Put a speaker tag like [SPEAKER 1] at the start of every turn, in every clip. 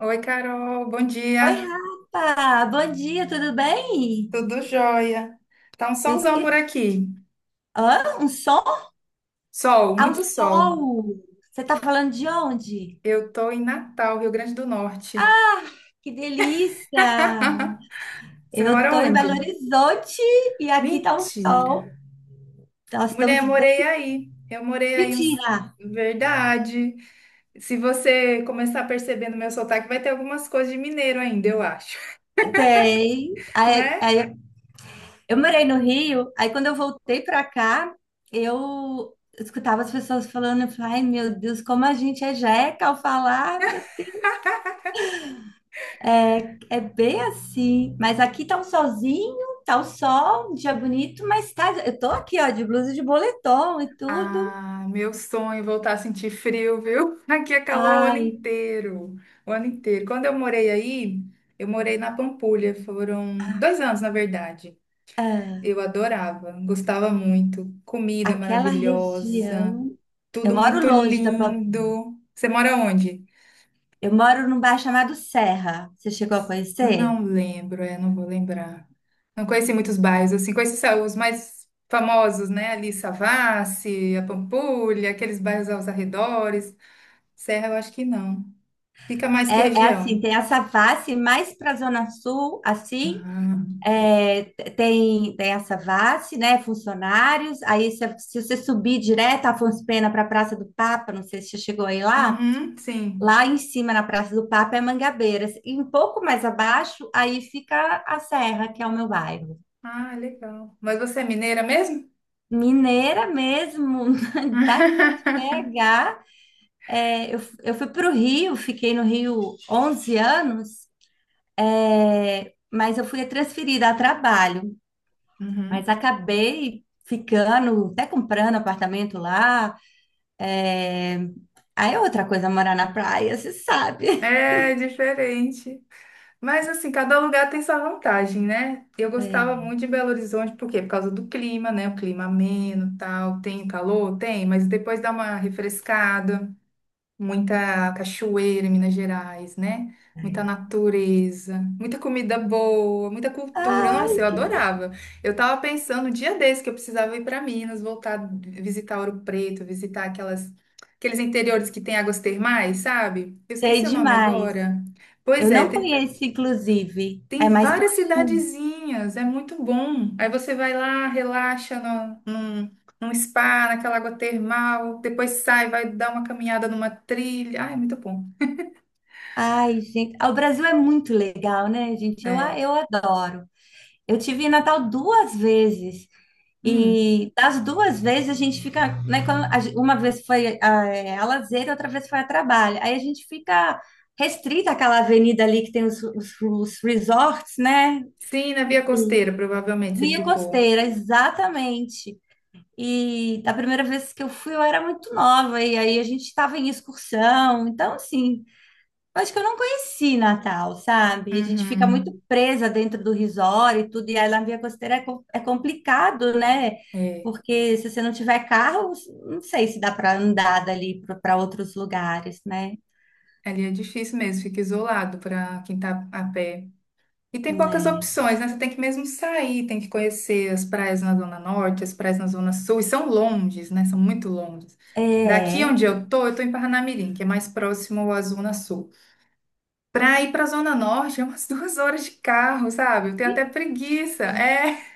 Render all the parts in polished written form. [SPEAKER 1] Oi, Carol, bom
[SPEAKER 2] Oi,
[SPEAKER 1] dia.
[SPEAKER 2] Rafa! Bom dia, tudo bem?
[SPEAKER 1] Tudo jóia? Tá um
[SPEAKER 2] Eu
[SPEAKER 1] solzão por
[SPEAKER 2] esqueci.
[SPEAKER 1] aqui.
[SPEAKER 2] Hã? Um som?
[SPEAKER 1] Sol,
[SPEAKER 2] Ao
[SPEAKER 1] muito sol.
[SPEAKER 2] sol! Você tá falando de onde?
[SPEAKER 1] Eu tô em Natal, Rio Grande do Norte.
[SPEAKER 2] Que delícia!
[SPEAKER 1] Você
[SPEAKER 2] Eu
[SPEAKER 1] mora
[SPEAKER 2] tô em Belo
[SPEAKER 1] onde?
[SPEAKER 2] Horizonte e aqui tá um
[SPEAKER 1] Mentira.
[SPEAKER 2] sol. Nós
[SPEAKER 1] Mulher,
[SPEAKER 2] estamos bem.
[SPEAKER 1] morei aí. Eu morei aí uns...
[SPEAKER 2] Mentira!
[SPEAKER 1] Verdade. Se você começar a perceber no meu sotaque, vai ter algumas coisas de mineiro ainda, eu acho,
[SPEAKER 2] Tem. Aí,
[SPEAKER 1] né?
[SPEAKER 2] aí, eu morei no Rio, aí quando eu voltei pra cá, eu escutava as pessoas falando, eu falei, ai meu Deus, como a gente é jeca ao falar, meu. É, é bem assim, mas aqui tá um solzinho, tá o sol, um dia bonito, mas tá, eu tô aqui, ó, de blusa e de boletom e tudo.
[SPEAKER 1] Ah, meu sonho é voltar a sentir frio, viu? Aqui é calor o ano
[SPEAKER 2] Ai,
[SPEAKER 1] inteiro, o ano inteiro. Quando eu morei aí, eu morei na Pampulha, foram 2 anos, na verdade.
[SPEAKER 2] ah,
[SPEAKER 1] Eu adorava, gostava muito. Comida
[SPEAKER 2] aquela
[SPEAKER 1] maravilhosa,
[SPEAKER 2] região. Eu
[SPEAKER 1] tudo
[SPEAKER 2] moro
[SPEAKER 1] muito
[SPEAKER 2] longe da Paulista.
[SPEAKER 1] lindo. Você mora onde?
[SPEAKER 2] Eu moro num bairro chamado Serra. Você chegou a conhecer?
[SPEAKER 1] Não lembro, é, não vou lembrar. Não conheci muitos bairros, assim, conheci só os mais famosos, né? Ali, Savassi, a Pampulha, aqueles bairros aos arredores. Serra, eu acho que não. Fica mais que
[SPEAKER 2] É, é assim,
[SPEAKER 1] região.
[SPEAKER 2] tem essa face mais para a Zona Sul, assim.
[SPEAKER 1] Ah,
[SPEAKER 2] É, tem essa face, né? Funcionários. Aí, se você subir direto a Afonso Pena para a Praça do Papa, não sei se você chegou aí lá.
[SPEAKER 1] uhum, sim.
[SPEAKER 2] Lá em cima, na Praça do Papa, é Mangabeiras. E um pouco mais abaixo, aí fica a Serra, que é o meu bairro.
[SPEAKER 1] Ah, legal. Mas você é mineira mesmo?
[SPEAKER 2] Mineira mesmo, daqui de BH. É, eu fui para o Rio, fiquei no Rio 11 anos, é, mas eu fui transferida a trabalho. Mas
[SPEAKER 1] Uhum.
[SPEAKER 2] acabei ficando, até comprando apartamento lá. É, aí é outra coisa morar na praia, você sabe.
[SPEAKER 1] É diferente. Mas assim, cada lugar tem sua vantagem, né? Eu gostava
[SPEAKER 2] É,
[SPEAKER 1] muito de Belo Horizonte, por quê? Por causa do clima, né? O clima ameno, tal. Tem calor? Tem, mas depois dá uma refrescada. Muita cachoeira em Minas Gerais, né? Muita
[SPEAKER 2] é.
[SPEAKER 1] natureza, muita comida boa, muita cultura.
[SPEAKER 2] Ai,
[SPEAKER 1] Nossa, eu adorava. Eu tava pensando um dia desse que eu precisava ir para Minas, voltar, visitar Ouro Preto, visitar aquelas aqueles interiores que tem águas termais, sabe? Eu
[SPEAKER 2] sei
[SPEAKER 1] esqueci o nome
[SPEAKER 2] demais.
[SPEAKER 1] agora. Pois
[SPEAKER 2] Eu
[SPEAKER 1] é,
[SPEAKER 2] não conheço, inclusive.
[SPEAKER 1] tem,
[SPEAKER 2] É mais pro
[SPEAKER 1] várias
[SPEAKER 2] sul.
[SPEAKER 1] cidadezinhas, é muito bom. Aí você vai lá, relaxa no, num- num spa, naquela água termal, depois sai, vai dar uma caminhada numa trilha. Ai, é muito bom.
[SPEAKER 2] Ai, gente. Ah, o Brasil é muito legal, né, gente? Eu, a-
[SPEAKER 1] É.
[SPEAKER 2] eu adoro. Eu tive em Natal duas vezes.
[SPEAKER 1] Hum.
[SPEAKER 2] E das duas vezes a gente fica, né? Quando uma vez foi a lazer, outra vez foi a trabalho. Aí a gente fica restrita àquela avenida ali que tem os resorts, né?
[SPEAKER 1] Sim, na Via Costeira, provavelmente você
[SPEAKER 2] Via
[SPEAKER 1] ficou.
[SPEAKER 2] Costeira, exatamente. E da primeira vez que eu fui, eu era muito nova, e aí a gente estava em excursão. Então, assim. Acho que eu não conheci Natal, sabe? A gente fica muito
[SPEAKER 1] Uhum.
[SPEAKER 2] presa dentro do resort e tudo, e aí lá na Via Costeira é complicado, né?
[SPEAKER 1] É.
[SPEAKER 2] Porque se você não tiver carro, não sei se dá para andar dali para outros lugares, né?
[SPEAKER 1] Ali é difícil mesmo, fica isolado para quem tá a pé. E tem poucas opções, né? Você tem que mesmo sair, tem que conhecer as praias na Zona Norte, as praias na Zona Sul, e são longes, né? São muito longes.
[SPEAKER 2] É.
[SPEAKER 1] Daqui
[SPEAKER 2] É.
[SPEAKER 1] onde eu tô em Parnamirim, que é mais próximo à Zona Sul. Para ir para a Zona Norte é umas 2 horas de carro, sabe? Eu tenho até preguiça.
[SPEAKER 2] Eita.
[SPEAKER 1] É.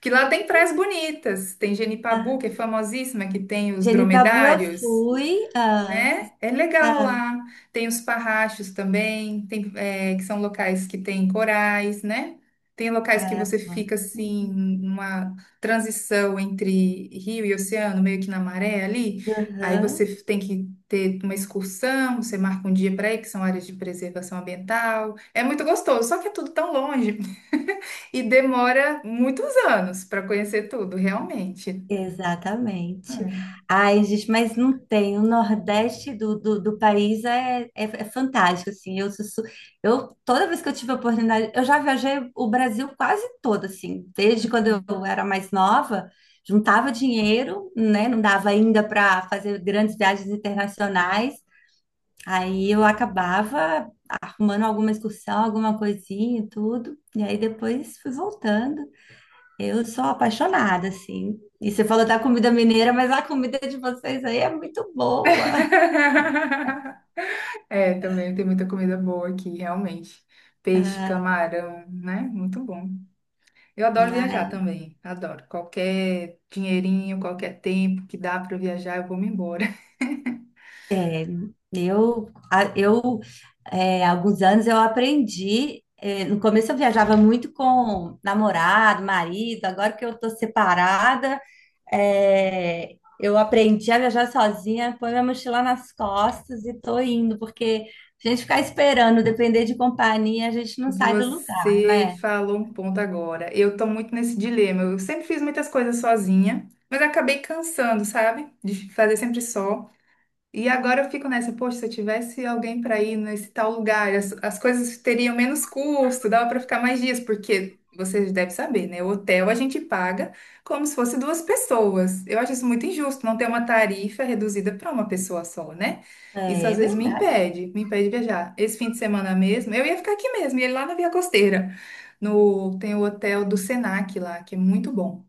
[SPEAKER 1] Que lá tem praias bonitas. Tem
[SPEAKER 2] Ah.
[SPEAKER 1] Genipabu, que é famosíssima, que tem os
[SPEAKER 2] Genipabu eu
[SPEAKER 1] dromedários
[SPEAKER 2] fui. Ah,
[SPEAKER 1] né? É legal
[SPEAKER 2] ah,
[SPEAKER 1] lá. Tem os parrachos também, tem, é, que são locais que tem corais, né? Tem locais que
[SPEAKER 2] ai,
[SPEAKER 1] você
[SPEAKER 2] adoro.
[SPEAKER 1] fica assim, numa transição entre rio e oceano, meio que na maré ali. Aí
[SPEAKER 2] Aham.
[SPEAKER 1] você tem que ter uma excursão, você marca um dia para ir, que são áreas de preservação ambiental. É muito gostoso, só que é tudo tão longe e demora muitos anos para conhecer tudo, realmente.
[SPEAKER 2] Exatamente.
[SPEAKER 1] É.
[SPEAKER 2] Ai, gente, mas não tem. O Nordeste do país é fantástico, assim. Eu, toda vez que eu tive a oportunidade, eu já viajei o Brasil quase todo, assim. Desde quando eu era mais nova, juntava dinheiro, né? Não dava ainda para fazer grandes viagens internacionais. Aí eu acabava arrumando alguma excursão, alguma coisinha e tudo. E aí depois fui voltando. Eu sou apaixonada, assim. E você falou da comida mineira, mas a comida de vocês aí é muito boa.
[SPEAKER 1] É, também tem muita comida boa aqui, realmente. Peixe,
[SPEAKER 2] Ah,
[SPEAKER 1] camarão, né? Muito bom. Eu adoro viajar
[SPEAKER 2] ai,
[SPEAKER 1] também, adoro. Qualquer dinheirinho, qualquer tempo que dá para viajar, eu vou me embora.
[SPEAKER 2] eu, a- eu é, há alguns anos eu aprendi. É, no começo eu viajava muito com namorado, marido. Agora que eu tô separada, eu aprendi a viajar sozinha, põe minha mochila nas costas e tô indo, porque se a gente ficar esperando, depender de companhia, a gente não sai do lugar,
[SPEAKER 1] Você
[SPEAKER 2] né?
[SPEAKER 1] falou um ponto agora. Eu tô muito nesse dilema. Eu sempre fiz muitas coisas sozinha, mas acabei cansando, sabe? De fazer sempre só. E agora eu fico nessa, poxa, se eu tivesse alguém para ir nesse tal lugar, as coisas teriam menos custo, dava para ficar mais dias, porque vocês devem saber, né? O hotel a gente paga como se fosse duas pessoas. Eu acho isso muito injusto, não ter uma tarifa reduzida para uma pessoa só, né? Isso
[SPEAKER 2] É,
[SPEAKER 1] às
[SPEAKER 2] é
[SPEAKER 1] vezes
[SPEAKER 2] verdade.
[SPEAKER 1] me impede de viajar. Esse fim de semana mesmo, eu ia ficar aqui mesmo, ia lá na Via Costeira, no, tem o hotel do Senac lá, que é muito bom.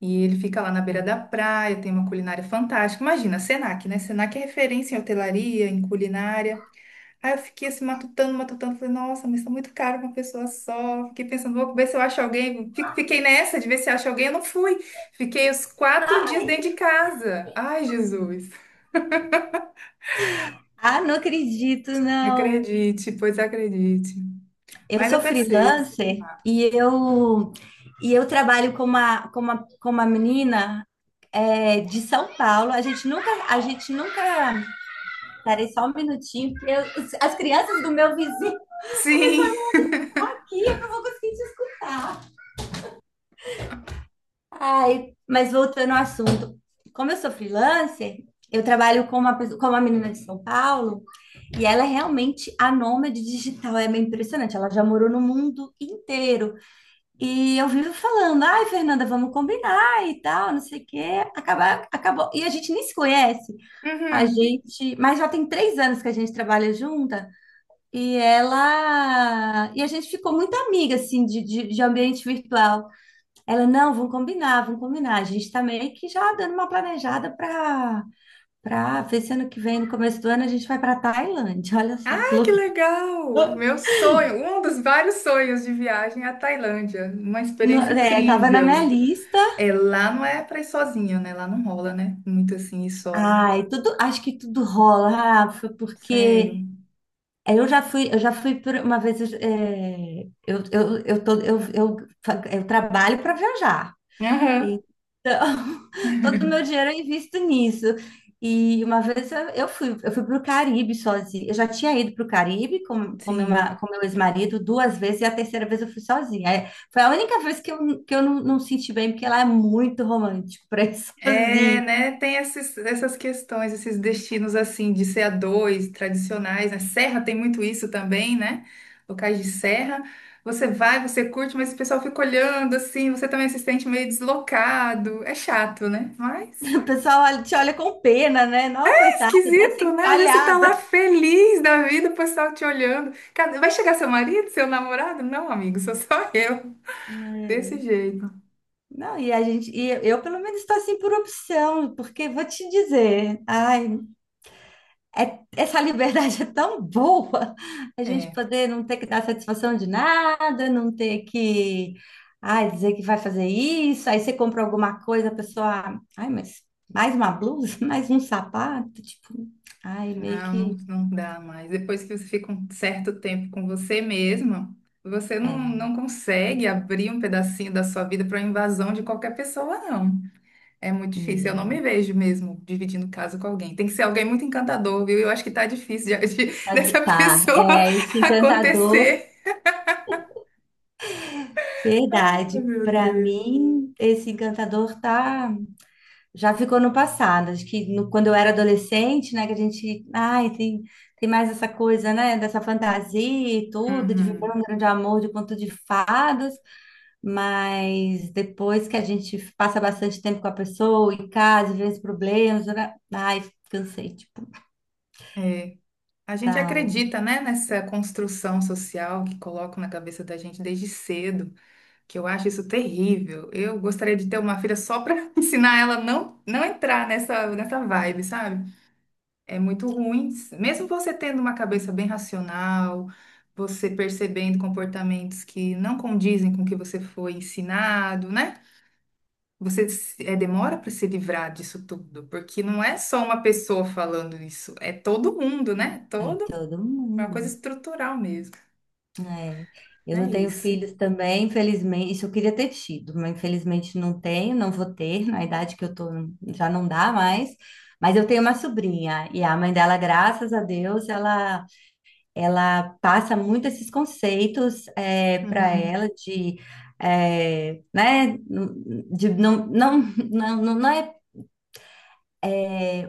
[SPEAKER 1] E ele fica lá na beira da praia, tem uma culinária fantástica. Imagina, Senac, né? Senac é referência em hotelaria, em culinária. Aí eu fiquei assim, matutando, matutando. Falei, nossa, mas tá muito caro pra uma pessoa só. Fiquei pensando, vou ver se eu acho alguém. Fiquei nessa de ver se acho alguém. Eu não fui. Fiquei os 4 dias dentro de casa. Ai, Jesus.
[SPEAKER 2] Ah, não acredito, não.
[SPEAKER 1] Acredite, pois acredite.
[SPEAKER 2] Eu
[SPEAKER 1] Mas eu
[SPEAKER 2] sou
[SPEAKER 1] pensei. Não
[SPEAKER 2] freelancer
[SPEAKER 1] dá.
[SPEAKER 2] e eu trabalho com com uma menina, de São Paulo. A gente nunca, a gente nunca. Parei só um minutinho, porque as crianças do meu vizinho
[SPEAKER 1] Sim.
[SPEAKER 2] estão aqui, eu não vou conseguir te escutar. Ai, mas voltando ao assunto, como eu sou freelancer, eu trabalho com uma menina de São Paulo. E ela é realmente a nômade digital, é bem impressionante. Ela já morou no mundo inteiro. E eu vivo falando, ai, Fernanda, vamos combinar e tal, não sei o quê. Acabou. E a gente nem se conhece.
[SPEAKER 1] Uhum.
[SPEAKER 2] Mas já tem 3 anos que a gente trabalha junta e ela e a gente ficou muito amiga assim de ambiente virtual. Ela, não, vamos combinar, vamos combinar. A gente tá meio que já dando uma planejada para ver se ano que vem, no começo do ano, a gente vai para Tailândia. Olha só que
[SPEAKER 1] Ah, que
[SPEAKER 2] loucura.
[SPEAKER 1] legal! Meu sonho, um dos vários sonhos de viagem é a Tailândia. Uma experiência
[SPEAKER 2] Tava na minha
[SPEAKER 1] incrível.
[SPEAKER 2] lista.
[SPEAKER 1] É, lá não é pra ir sozinha, né? Lá não rola, né? Muito assim, ir só, né?
[SPEAKER 2] Ai, tudo, acho que tudo rola, Rafa,
[SPEAKER 1] Sério.
[SPEAKER 2] porque eu já fui por uma vez, eu trabalho para viajar,
[SPEAKER 1] Aham,
[SPEAKER 2] então todo o meu dinheiro eu invisto nisso. E uma vez eu fui para o Caribe sozinha. Eu já tinha ido para o Caribe com, com, meu, ma-
[SPEAKER 1] sim.
[SPEAKER 2] com meu ex-marido duas vezes, e a terceira vez eu fui sozinha. É, foi a única vez que eu não, não senti bem, porque lá é muito romântico para ir
[SPEAKER 1] É,
[SPEAKER 2] sozinha.
[SPEAKER 1] né? Tem essas questões, esses destinos assim, de ser a dois, tradicionais, né? Serra tem muito isso também, né? Locais de serra. Você vai, você curte, mas o pessoal fica olhando assim, você também se sente meio deslocado. É chato, né? Mas.
[SPEAKER 2] O pessoal te olha com pena, né? Não, coitada, dessa
[SPEAKER 1] Esquisito, né? Às vezes você tá lá
[SPEAKER 2] encalhada.
[SPEAKER 1] feliz da vida, o pessoal te olhando. Vai chegar seu marido, seu namorado? Não, amigo, sou só eu. Desse
[SPEAKER 2] É.
[SPEAKER 1] jeito.
[SPEAKER 2] Não, e a gente, e eu pelo menos estou assim por opção, porque vou te dizer, ai, essa liberdade é tão boa, a gente
[SPEAKER 1] É,
[SPEAKER 2] poder não ter que dar satisfação de nada, não ter que, ai, dizer que vai fazer isso, aí você compra alguma coisa, a pessoa, ai, mas mais uma blusa, mais um sapato, tipo, ai, meio
[SPEAKER 1] não,
[SPEAKER 2] que,
[SPEAKER 1] não dá mais. Depois que você fica um certo tempo com você mesma, você não,
[SPEAKER 2] é,
[SPEAKER 1] não consegue abrir um pedacinho da sua vida para invasão de qualquer pessoa, não. É muito difícil. Eu não
[SPEAKER 2] né?
[SPEAKER 1] me vejo mesmo dividindo casa com alguém. Tem que ser alguém muito encantador, viu? Eu acho que tá difícil dessa
[SPEAKER 2] Tá,
[SPEAKER 1] pessoa
[SPEAKER 2] é esse encantador,
[SPEAKER 1] acontecer. Ai,
[SPEAKER 2] verdade.
[SPEAKER 1] meu
[SPEAKER 2] Para
[SPEAKER 1] Deus.
[SPEAKER 2] mim, esse encantador já ficou no passado. Acho que quando eu era adolescente, né, que a gente, ai, tem mais essa coisa, né, dessa fantasia e tudo, de viver um
[SPEAKER 1] Uhum,
[SPEAKER 2] grande amor de conto de fadas, mas depois que a gente passa bastante tempo com a pessoa em casa, e vê os problemas, né, ai, cansei, tipo,
[SPEAKER 1] é. A gente
[SPEAKER 2] tal,
[SPEAKER 1] acredita, né, nessa construção social que colocam na cabeça da gente desde cedo, que eu acho isso terrível. Eu gostaria de ter uma filha só para ensinar ela a não não entrar nessa vibe, sabe? É muito ruim. Mesmo você tendo uma cabeça bem racional, você percebendo comportamentos que não condizem com o que você foi ensinado, né? Você se- é, demora para se livrar disso tudo, porque não é só uma pessoa falando isso, é todo mundo, né?
[SPEAKER 2] aí
[SPEAKER 1] Todo,
[SPEAKER 2] todo
[SPEAKER 1] é uma coisa
[SPEAKER 2] mundo.
[SPEAKER 1] estrutural mesmo.
[SPEAKER 2] É, eu
[SPEAKER 1] É
[SPEAKER 2] não tenho
[SPEAKER 1] isso.
[SPEAKER 2] filhos também, infelizmente. Isso eu queria ter tido, mas infelizmente não tenho, não vou ter. Na idade que eu tô, já não dá mais. Mas eu tenho uma sobrinha e a mãe dela, graças a Deus, ela, passa muito esses conceitos para
[SPEAKER 1] Uhum.
[SPEAKER 2] ela de, é, né, de não, não, não, não é,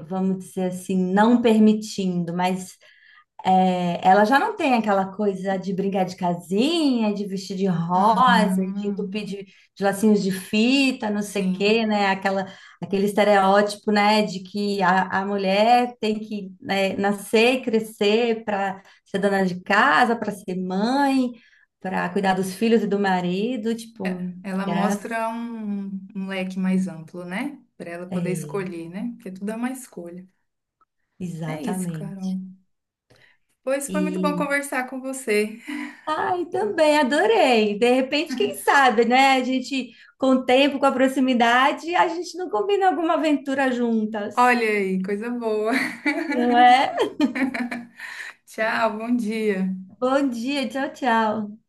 [SPEAKER 2] vamos dizer assim, não permitindo, mas é, ela já não tem aquela coisa de brigar de casinha, de vestir de
[SPEAKER 1] Ah,
[SPEAKER 2] rosa, de entupir de lacinhos de fita, não sei o quê,
[SPEAKER 1] sim.
[SPEAKER 2] né? Aquele estereótipo, né, de que a mulher tem que, né, nascer crescer para ser dona de casa, para ser mãe, para cuidar dos filhos e do marido, tipo,
[SPEAKER 1] É, ela
[SPEAKER 2] graças.
[SPEAKER 1] mostra um, um leque mais amplo, né? Para ela poder
[SPEAKER 2] É,
[SPEAKER 1] escolher, né? Porque tudo é uma escolha. É isso, Carol.
[SPEAKER 2] exatamente.
[SPEAKER 1] Pois foi muito bom conversar com você.
[SPEAKER 2] Ai, também, adorei. De repente, quem sabe, né? A gente, com o tempo, com a proximidade, a gente não combina alguma aventura juntas,
[SPEAKER 1] Olha aí, coisa boa.
[SPEAKER 2] não é?
[SPEAKER 1] Tchau, bom dia.
[SPEAKER 2] Bom dia, tchau, tchau.